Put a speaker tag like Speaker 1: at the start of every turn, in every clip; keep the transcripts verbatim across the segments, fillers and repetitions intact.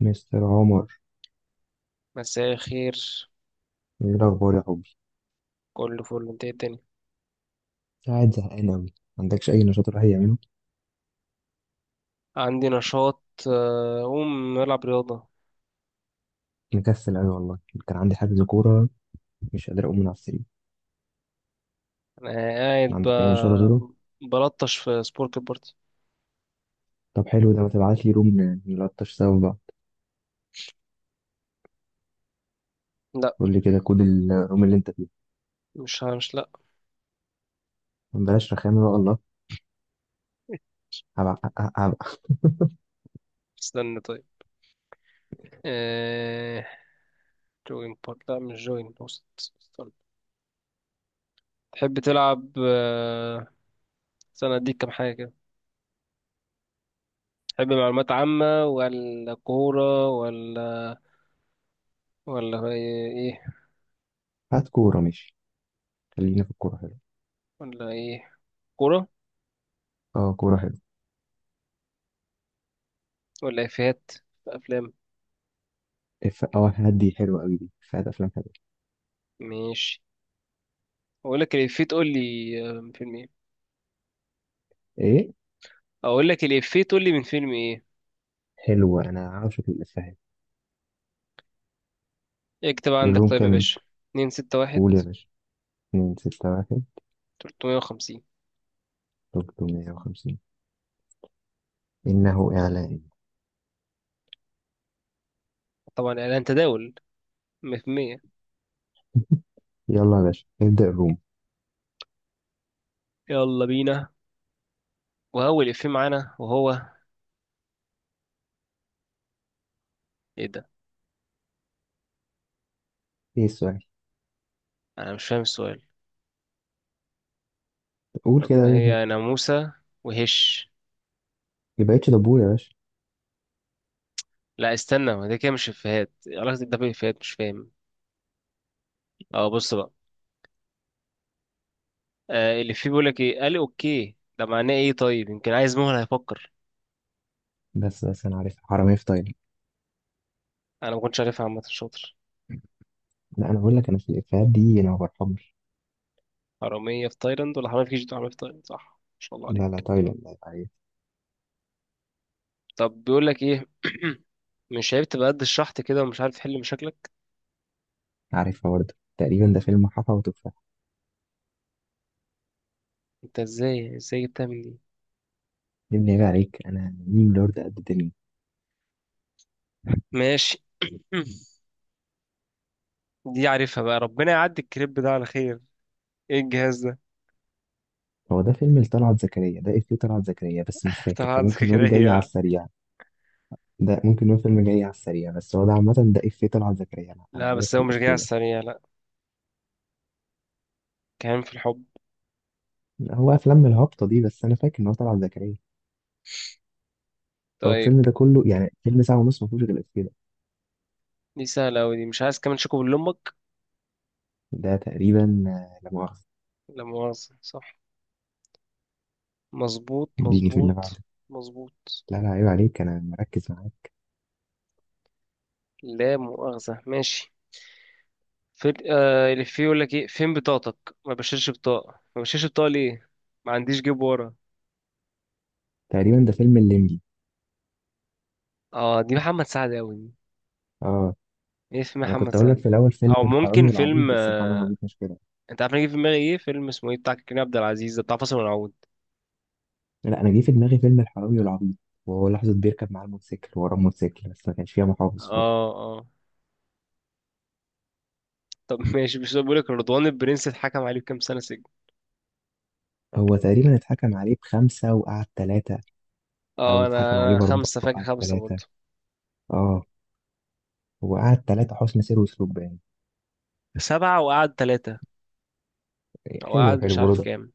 Speaker 1: مستر عمر،
Speaker 2: مساء الخير.
Speaker 1: ايه الاخبار يا حبي؟
Speaker 2: كله فل، انت ايه الدنيا؟
Speaker 1: قاعد زهقان قوي. ما عندكش اي نشاط الواحد يعمله؟
Speaker 2: عندي نشاط، آه، اقوم العب رياضه.
Speaker 1: مكسل قوي والله. كان عندي حجز كوره، مش قادر اقوم من على السرير.
Speaker 2: انا قاعد
Speaker 1: ما عندك اي نشاط غيره؟
Speaker 2: ب- بلطش في سبورك البارتي.
Speaker 1: طب حلو ده، ما تبعت لي روم ن- نلطش سوا بقى.
Speaker 2: لا،
Speaker 1: قول لي كده كود الروم اللي انت فيه.
Speaker 2: مش ه- مش، لا.
Speaker 1: بلاش رخامه بقى الله. هبع- ه- ه-
Speaker 2: استنى، طيب. آه... جوين بارت، لا مش جوين، بوست، استنى. تحب تلعب؟ آه، استنى اديك كام حاجه كده. تحب معلومات عامه ولا كوره ولا ولا ايه؟
Speaker 1: هات كوره ماشي. خلينا في الكوره حلو.
Speaker 2: ولا ايه كوره،
Speaker 1: اه كوره حلو.
Speaker 2: ولا افيهات، افلام؟
Speaker 1: اف اه هدي حلوه قوي دي، فات افلام حلوه.
Speaker 2: ماشي. اقول لك الافيه تقول لي، آه، من فيلم ايه
Speaker 1: ايه،
Speaker 2: اقول لك الافيه تقول لي من فيلم ايه.
Speaker 1: حلوه انا عاشق الافيهات.
Speaker 2: اكتب عندك،
Speaker 1: الروم
Speaker 2: طيب يا
Speaker 1: كامل،
Speaker 2: باشا. اتنين ستة واحد.
Speaker 1: قول يا باشا. اتنين ستة واحد.
Speaker 2: ثلاثة خمسة صفر.
Speaker 1: تلتمية وخمسين. إنه إعلان.
Speaker 2: طبعا اعلان تداول، مية في المية.
Speaker 1: يلا يا باشا نبدأ الروم.
Speaker 2: يلا بينا. وهو الافيه معانا، وهو ايه ده؟
Speaker 1: ايه السؤال؟
Speaker 2: انا مش فاهم السؤال.
Speaker 1: قول
Speaker 2: طب
Speaker 1: كده
Speaker 2: ما
Speaker 1: اي حاجه.
Speaker 2: هي ناموسة وهش.
Speaker 1: ما بقتش دبور يا باشا.
Speaker 2: لا استنى، ما ده كده مش افيهات، إيه علاقة ده بالافيهات؟ مش فاهم. اه، بص بقى. آه الافيه بيقول لك ايه قال اوكي، ده معناه ايه؟ طيب يمكن عايز مهلة هيفكر.
Speaker 1: بس بس انا عارف، حرامية في تايلاند.
Speaker 2: انا ما كنتش عارفها، عامة شاطر.
Speaker 1: لا انا اقول لك، انا في الافيهات دي انا ما برحمش.
Speaker 2: حرامية في تايلاند ولا حرامية في كيجي؟ حرامية في تايلاند، صح، ما شاء الله
Speaker 1: لا لا
Speaker 2: عليك.
Speaker 1: تايلاند، لا يبقى عليك.
Speaker 2: طب بيقول لك ايه مش عارف تبقى قد الشحط كده ومش عارف تحل مشاكلك.
Speaker 1: عارفها برضه، تقريبا ده فيلم حفا وتفاح.
Speaker 2: انت ازاي ازاي جبتها من دي؟
Speaker 1: يا ابني عيب عليك، انا ميم لورد قد الدنيا.
Speaker 2: ماشي. دي عارفها بقى، ربنا يعدي الكريب ده على خير. ايه الجهاز ده؟
Speaker 1: هو ده فيلم لطلعت زكريا، ده افيه طلعت زكريا بس مش
Speaker 2: طب
Speaker 1: فاكر،
Speaker 2: عندك
Speaker 1: فممكن
Speaker 2: كده.
Speaker 1: نقول جاي على السريع. ده ممكن نقول فيلم جاي على السريع، بس هو ده عامة ده افيه طلعت زكريا، انا أنا
Speaker 2: لا بس
Speaker 1: عارف
Speaker 2: هو مش جاي على
Speaker 1: الافيه ده.
Speaker 2: السريع، لا. كان في الحب.
Speaker 1: هو افلام الهبطة دي، بس انا فاكر ان هو طلعت زكريا. هو
Speaker 2: طيب.
Speaker 1: الفيلم ده كله يعني فيلم ساعة ونص ما فيهوش غير الإفيه ده.
Speaker 2: دي سهلة أوي دي، مش عايز كمان شوكو لأمك.
Speaker 1: ده تقريبا آه، لا مؤاخذة.
Speaker 2: لا مؤاخذة صح. مظبوط،
Speaker 1: اديني في اللي
Speaker 2: مظبوط،
Speaker 1: بعده.
Speaker 2: مظبوط.
Speaker 1: لا لا عيب عليك، أنا مركز معاك.
Speaker 2: لا مؤاخذة، ماشي. فين، آه اللي فيه يقول لك ايه، فين بطاقتك، ما بشيلش بطاقة، ما بشيلش بطاقة ليه؟ ما عنديش جيب ورا.
Speaker 1: تقريبا ده فيلم الليمبي.
Speaker 2: اه، دي محمد سعد قوي دي.
Speaker 1: اه،
Speaker 2: ايه في
Speaker 1: أنا
Speaker 2: محمد
Speaker 1: كنت أقول لك
Speaker 2: سعد؟
Speaker 1: في الأول فيلم
Speaker 2: او
Speaker 1: الحرامي
Speaker 2: ممكن
Speaker 1: والعبيط،
Speaker 2: فيلم،
Speaker 1: بس
Speaker 2: آه،
Speaker 1: الحرامي والعبيط مش كده.
Speaker 2: انت عارف انا جه في دماغي ايه، فيلم اسمه ايه بتاع كريم عبد العزيز ده بتاع فاصل ونعود.
Speaker 1: لا أنا جه في دماغي فيلم الحرامي والعبيط، وهو لحظة بيركب معاه الموتوسيكل وراه الموتوسيكل، بس ما كانش فيها محافظ خالص.
Speaker 2: اه، اه. طب ماشي، مش بقول لك رضوان البرنس اتحكم عليه بكام سنة سجن؟
Speaker 1: هو تقريبا اتحكم عليه بخمسة وقعد ثلاثة، أو
Speaker 2: اه، انا
Speaker 1: اتحكم عليه
Speaker 2: انا
Speaker 1: بأربعة
Speaker 2: خمسة فاكر،
Speaker 1: وقعد
Speaker 2: خمسة
Speaker 1: ثلاثة.
Speaker 2: برضه.
Speaker 1: اه، هو قعد ثلاثة حسن سير وسلوك باين.
Speaker 2: سبعة وقعد ثلاثة. او
Speaker 1: حلو
Speaker 2: قعد مش
Speaker 1: حلو
Speaker 2: عارف
Speaker 1: رضا.
Speaker 2: كام.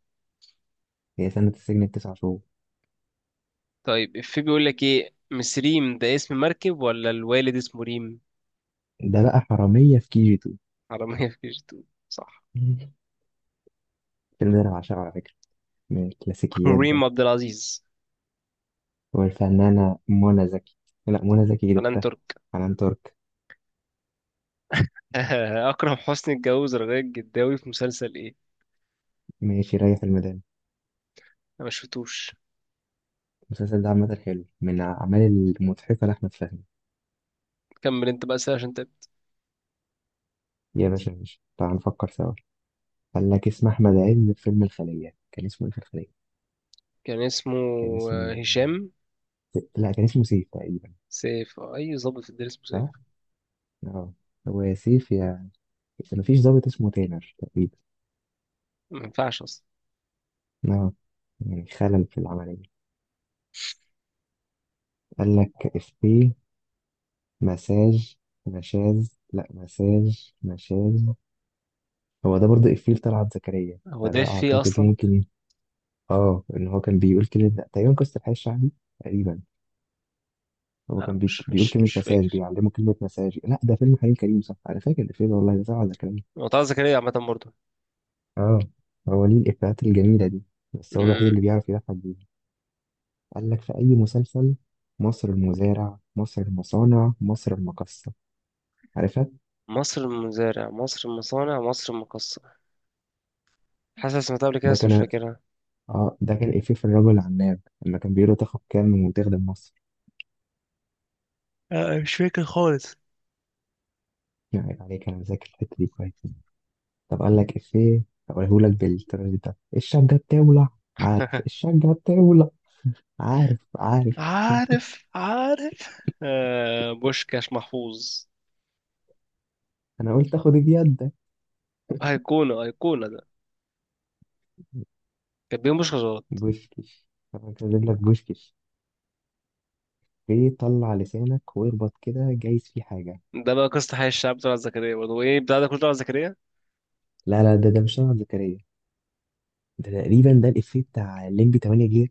Speaker 1: هي سنة السجن التسع شهور.
Speaker 2: طيب في بيقول لك ايه مسريم ده، اسم مركب ولا الوالد اسمه ريم؟
Speaker 1: ده بقى حرامية في كي جي تو.
Speaker 2: حرامية في كيجي اتنين، صح.
Speaker 1: الفيلم ده أنا بعشقه على فكرة، من الكلاسيكيات ده.
Speaker 2: كريم عبد العزيز.
Speaker 1: والفنانة منى زكي. لا منى زكي دي
Speaker 2: حنان
Speaker 1: أختها،
Speaker 2: ترك.
Speaker 1: حنان ترك.
Speaker 2: أكرم حسني اتجوز رغاية الجداوي في مسلسل إيه؟
Speaker 1: ماشي، ريح الميدان.
Speaker 2: أنا ما شفتوش.
Speaker 1: المسلسل ده عامة حلو، من الأعمال المضحكة لأحمد فهمي.
Speaker 2: كمل أنت بقى سهل عشان تقل.
Speaker 1: يا باشا ماشي، تعال نفكر سوا. قال لك اسم أحمد عز في فيلم الخلية كان اسمه إيه في الخلية؟
Speaker 2: كان اسمه،
Speaker 1: كان
Speaker 2: آه،
Speaker 1: اسمه
Speaker 2: هشام.
Speaker 1: آه، لا، كان اسمه سيف تقريبا.
Speaker 2: سيف، أي ظابط في الدنيا اسمه سيف.
Speaker 1: صح؟ اه. هو يا سيف يا، بس مفيش ضابط اسمه تامر تقريبا.
Speaker 2: ما ينفعش أصلا.
Speaker 1: اه، يعني خلل في العملية. قال لك إفيه مساج. مشاز، لا مساج مشاز. هو ده برضه إفيه لطلعت زكريا،
Speaker 2: هو ده
Speaker 1: فده
Speaker 2: فيه
Speaker 1: أعتقد
Speaker 2: أصلا؟
Speaker 1: يمكن. آه، إن هو كان بيقول كلمة تقريبا قصة الحي الشعبي تقريبا. هو
Speaker 2: لا،
Speaker 1: كان بي...
Speaker 2: مش
Speaker 1: بيقول
Speaker 2: مش
Speaker 1: كلمة
Speaker 2: مش
Speaker 1: مساج،
Speaker 2: فاكر.
Speaker 1: بيعلمه كلمة مساج. لا ده فيلم حليم كريم صح، أنا فاكر الإفيه ده والله، ده طلعت زكريا.
Speaker 2: هو طه زكريا عامة برضه.
Speaker 1: آه. هو ليه الإفيهات الجميلة دي، بس هو الوحيد
Speaker 2: مم.
Speaker 1: اللي بيعرف يضحك بيها. قال لك في أي مسلسل. مصر المزارع مصر المصانع مصر المقصة، عارفها.
Speaker 2: مصر المزارع، مصر المصانع، مصر المقصة. حاسس إني سمعتها قبل كده،
Speaker 1: ده
Speaker 2: بس مش
Speaker 1: كان
Speaker 2: فاكرها.
Speaker 1: آه ده كان إفيه في الرجل العناب، لما كان بيقول له تاخد كام وتخدم مصر.
Speaker 2: آه، مش فاكر خالص.
Speaker 1: يعني عليك، أنا ذاكر الحتة دي كويس. طب قال لك إفيه. هقولهولك بالطريقة ده، الشجة بتولع. عارف الشجة بتولع. عارف عارف.
Speaker 2: عارف، عارف، آه، بوشكاش محفوظ.
Speaker 1: أنا قلت آخد بيدك.
Speaker 2: أيقونة، أيقونة ده. كان بيهم مش غلط.
Speaker 1: بوشكش. طب أنا كاتب لك بوشكش. إيه طلع لسانك واربط كده، جايز فيه حاجة.
Speaker 2: ده بقى قصة حي الشعب طلعت زكريا برضه، وإيه بتاع ده كله؟ طلعت زكريا؟
Speaker 1: لا لا ده ده مش طلعت زكريا، ده تقريبا ده الإفيه بتاع الليمبي تمنية جيجا،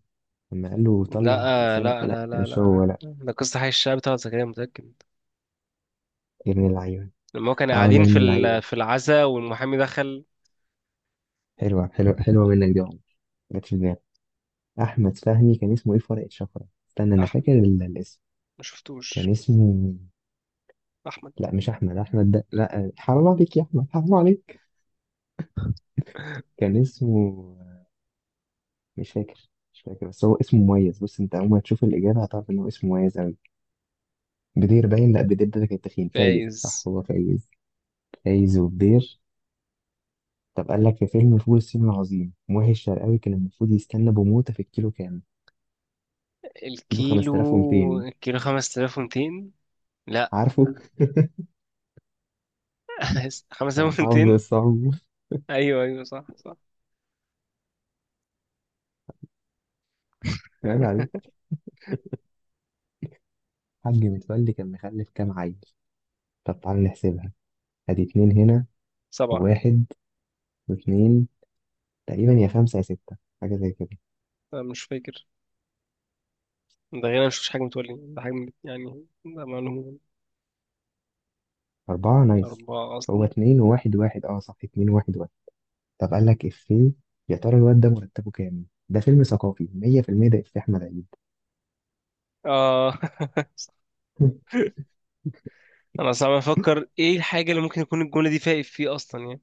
Speaker 1: لما قال له طلع
Speaker 2: لا، لا،
Speaker 1: لسانك.
Speaker 2: لا،
Speaker 1: لا
Speaker 2: لا،
Speaker 1: مش هو
Speaker 2: لا،
Speaker 1: لا.
Speaker 2: ده قصة حي الشعب طلعت زكريا، متأكد.
Speaker 1: يا ابن اللعيبة.
Speaker 2: لما هو كانوا
Speaker 1: اه يا
Speaker 2: قاعدين
Speaker 1: ابن
Speaker 2: في ال...
Speaker 1: اللعيبة.
Speaker 2: في العزا والمحامي دخل.
Speaker 1: حلوة حلوة حلوة منك دي يا عمر، جت في دماغي. أحمد فهمي كان اسمه إيه في ورقة شفرة؟ استنى أنا
Speaker 2: أحمد.
Speaker 1: فاكر ال- الاسم.
Speaker 2: ما شفتوش.
Speaker 1: كان اسمه.
Speaker 2: أحمد.
Speaker 1: لا مش احمد، احمد ده لا حرام عليك يا احمد حرام عليك. كان اسمه مش فاكر مش فاكر، بس هو اسمه مميز، بص انت اول ما تشوف الاجابه هتعرف ان هو اسمه مميز قوي. بدير، باين لا بدير ده كان تخين. فايز صح
Speaker 2: فايز.
Speaker 1: هو فايز. فايز وبدير. طب قال لك في فيلم فول الصين العظيم، ماهي الشرقاوي كان المفروض يستنى بموته في الكيلو كام؟ كيلو
Speaker 2: الكيلو
Speaker 1: خمسة آلاف ومتين.
Speaker 2: الكيلو خمسة آلاف ومئتين. لا.
Speaker 1: عارفه؟ انا حافظ
Speaker 2: خمسة آلاف ومئتين.
Speaker 1: الصعب.
Speaker 2: أيوه، أيوه، صح، صح.
Speaker 1: عيب عليك. حاج متولي كان مخلف كام عيل؟ طب تعالى نحسبها. ادي اتنين هنا
Speaker 2: سبعة.
Speaker 1: وواحد واثنين، تقريبا يا خمسة يا ستة، حاجة زي كده.
Speaker 2: أنا مش فاكر. ده غير أنا مشفتش حاجة، متولي ده حاجة، يعني ده معلومة.
Speaker 1: أربعة نايس.
Speaker 2: أربعة
Speaker 1: هو
Speaker 2: أصلا.
Speaker 1: اتنين وواحد واحد، اه صح اتنين وواحد واحد. طب قال لك إفيه. يا ترى الواد ده مرتبه كام؟ ده فيلم ثقافي مية بالمية. ده إفيه أحمد عيد.
Speaker 2: آه أنا صعب أفكر إيه الحاجة اللي ممكن يكون الجملة دي فايق فيه أصلا يعني.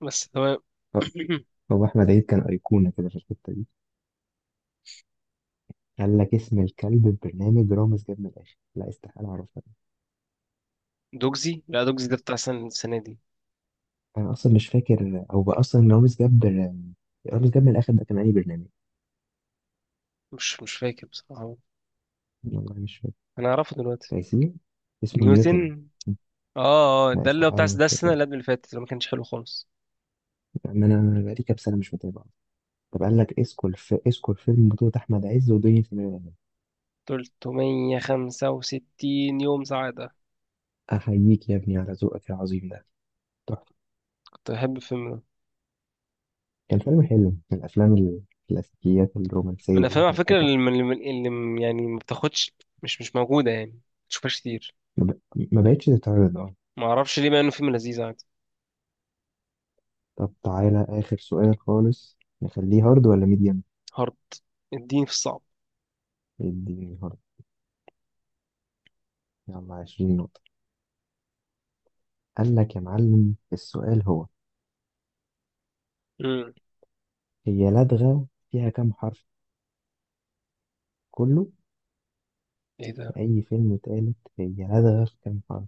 Speaker 2: بس تمام.
Speaker 1: هو هو أحمد عيد كان أيقونة كده في الحتة دي. قال لك اسم الكلب في برنامج رامز جاب من الآخر. لا استحالة أعرفها.
Speaker 2: دوجزي، لا دوجزي ده بتاع سنة، السنة دي.
Speaker 1: أنا أصلا مش فاكر، أو بقى أصلا رامز جاب. رامز جاب من الآخر ده كان أي برنامج؟
Speaker 2: مش مش فاكر بصراحة.
Speaker 1: والله مش فاكر.
Speaker 2: أنا أعرفه دلوقتي.
Speaker 1: تايسير. اسمه نيوتن.
Speaker 2: نيوتن. آه، آه،
Speaker 1: لا
Speaker 2: ده اللي هو بتاع
Speaker 1: استحالة ما
Speaker 2: ده السنة اللي
Speaker 1: أفتكرش.
Speaker 2: قبل اللي فاتت اللي ما كانش حلو خالص.
Speaker 1: يعني أنا بقالي كام سنة مش متابع. طب قال لك اسكو الف... اسكو الفيلم بطولة أحمد عز ودنيا سمير غانم.
Speaker 2: ثلاثمية خمسة وستين يوم سعادة.
Speaker 1: أحييك يا ابني على ذوقك العظيم ده، تحفة.
Speaker 2: كنت بحب الفيلم ده.
Speaker 1: كان فيلم حلو من الأفلام، الكلاسيكيات
Speaker 2: من
Speaker 1: الرومانسية
Speaker 2: الأفلام على فكرة
Speaker 1: المضحكة.
Speaker 2: اللي, اللي, اللي يعني ما بتاخدش. مش مش موجودة، يعني ما تشوفهاش كتير.
Speaker 1: ما, ب... ما بقتش تتعرض أه.
Speaker 2: ما أعرفش ليه، مع إنه فيلم لذيذ عادي.
Speaker 1: طب تعالى آخر سؤال خالص، نخليه هارد ولا ميديم؟
Speaker 2: هارد. اديني في الصعب.
Speaker 1: اديني هارد. يلا عشرين نقطة. قال لك يا معلم، السؤال هو:
Speaker 2: امم
Speaker 1: هي لدغة فيها كام حرف؟ كله.
Speaker 2: ايه ده؟
Speaker 1: في أي فيلم تالت، هي لدغة في كام حرف؟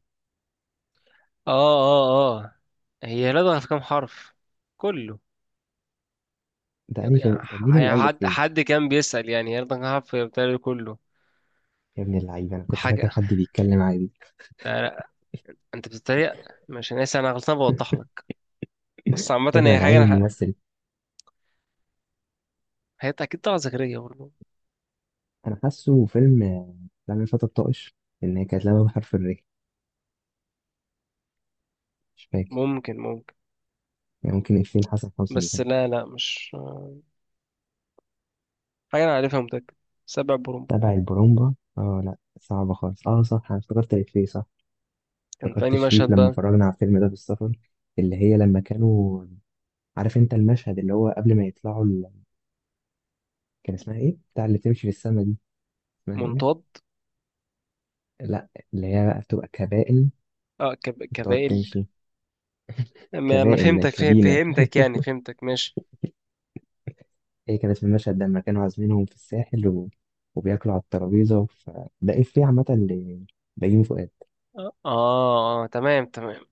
Speaker 2: اه، اه، اه. هي لدغة في كام حرف؟ كله.
Speaker 1: ده أنهي فيلم؟
Speaker 2: يعني
Speaker 1: طب
Speaker 2: ح-
Speaker 1: مين اللي ألف
Speaker 2: حد
Speaker 1: فيه؟
Speaker 2: حد كان بيسأل يعني هي لدغة كام حرف، هي بتهيألي كله.
Speaker 1: يا ابن اللعيبة، أنا كنت فاكر
Speaker 2: حاجة.
Speaker 1: حد بيتكلم عادي.
Speaker 2: لا، لا، انت بتتريق. مش، انا اسف انا غلطان بوضح لك. بس عامة
Speaker 1: ايوه
Speaker 2: هي
Speaker 1: انا
Speaker 2: حاجة
Speaker 1: عايز
Speaker 2: انا ح...
Speaker 1: الممثل.
Speaker 2: هي اكيد طلعت زكريا برضه.
Speaker 1: انا حاسه فيلم آه، لما الفتى الطائش، ان هي كانت لعبه بحرف الري. مش فاكر.
Speaker 2: ممكن، ممكن.
Speaker 1: يعني ممكن إفيه حسن حسني
Speaker 2: بس
Speaker 1: كان
Speaker 2: لا، لا، مش. حاجة انا عارفها متأكد. سبع برومبا.
Speaker 1: تبع البرومبا. اه لا صعبة خالص، اه صح انا افتكرت الإفيه صح.
Speaker 2: كان في
Speaker 1: افتكرت
Speaker 2: أنهي
Speaker 1: شريف
Speaker 2: مشهد
Speaker 1: لما
Speaker 2: بقى؟
Speaker 1: اتفرجنا على الفيلم ده في السفر، اللي هي لما كانوا. عارف انت المشهد اللي هو قبل ما يطلعوا ال... كان اسمها ايه بتاع اللي تمشي في السما دي، اسمها ايه؟
Speaker 2: منطاد.
Speaker 1: لا. اللي هي بقى بتبقى كبائن،
Speaker 2: اه كب...
Speaker 1: بتقعد
Speaker 2: كبائل.
Speaker 1: تمشي.
Speaker 2: ما انا
Speaker 1: كبائن
Speaker 2: فهمتك، فه...
Speaker 1: كبينة.
Speaker 2: فهمتك يعني، فهمتك، ماشي.
Speaker 1: هي كان اسم المشهد ده لما كانوا عازمينهم في الساحل و... وبياكلوا على الترابيزة ف... ده إفيه عامة ل- بيومي فؤاد.
Speaker 2: اه، اه، تمام، تمام.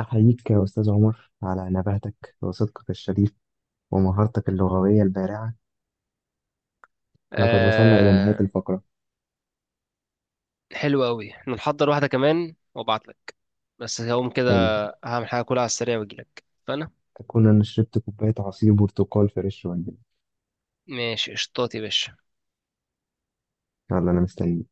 Speaker 1: أحييك يا أستاذ عمر على نباهتك وصدقك الشريف ومهارتك اللغوية البارعة. لقد وصلنا إلى نهاية
Speaker 2: آه.
Speaker 1: الفقرة.
Speaker 2: حلو قوي، نحضر واحده كمان وابعت لك بس هقوم كده.
Speaker 1: حلو.
Speaker 2: هعمل حاجه كلها على السريع واجيلك فانا.
Speaker 1: أكون أنا شربت كوباية عصير برتقال فريش ولا.
Speaker 2: ماشي قشطات يا باشا.
Speaker 1: يلا أنا مستني.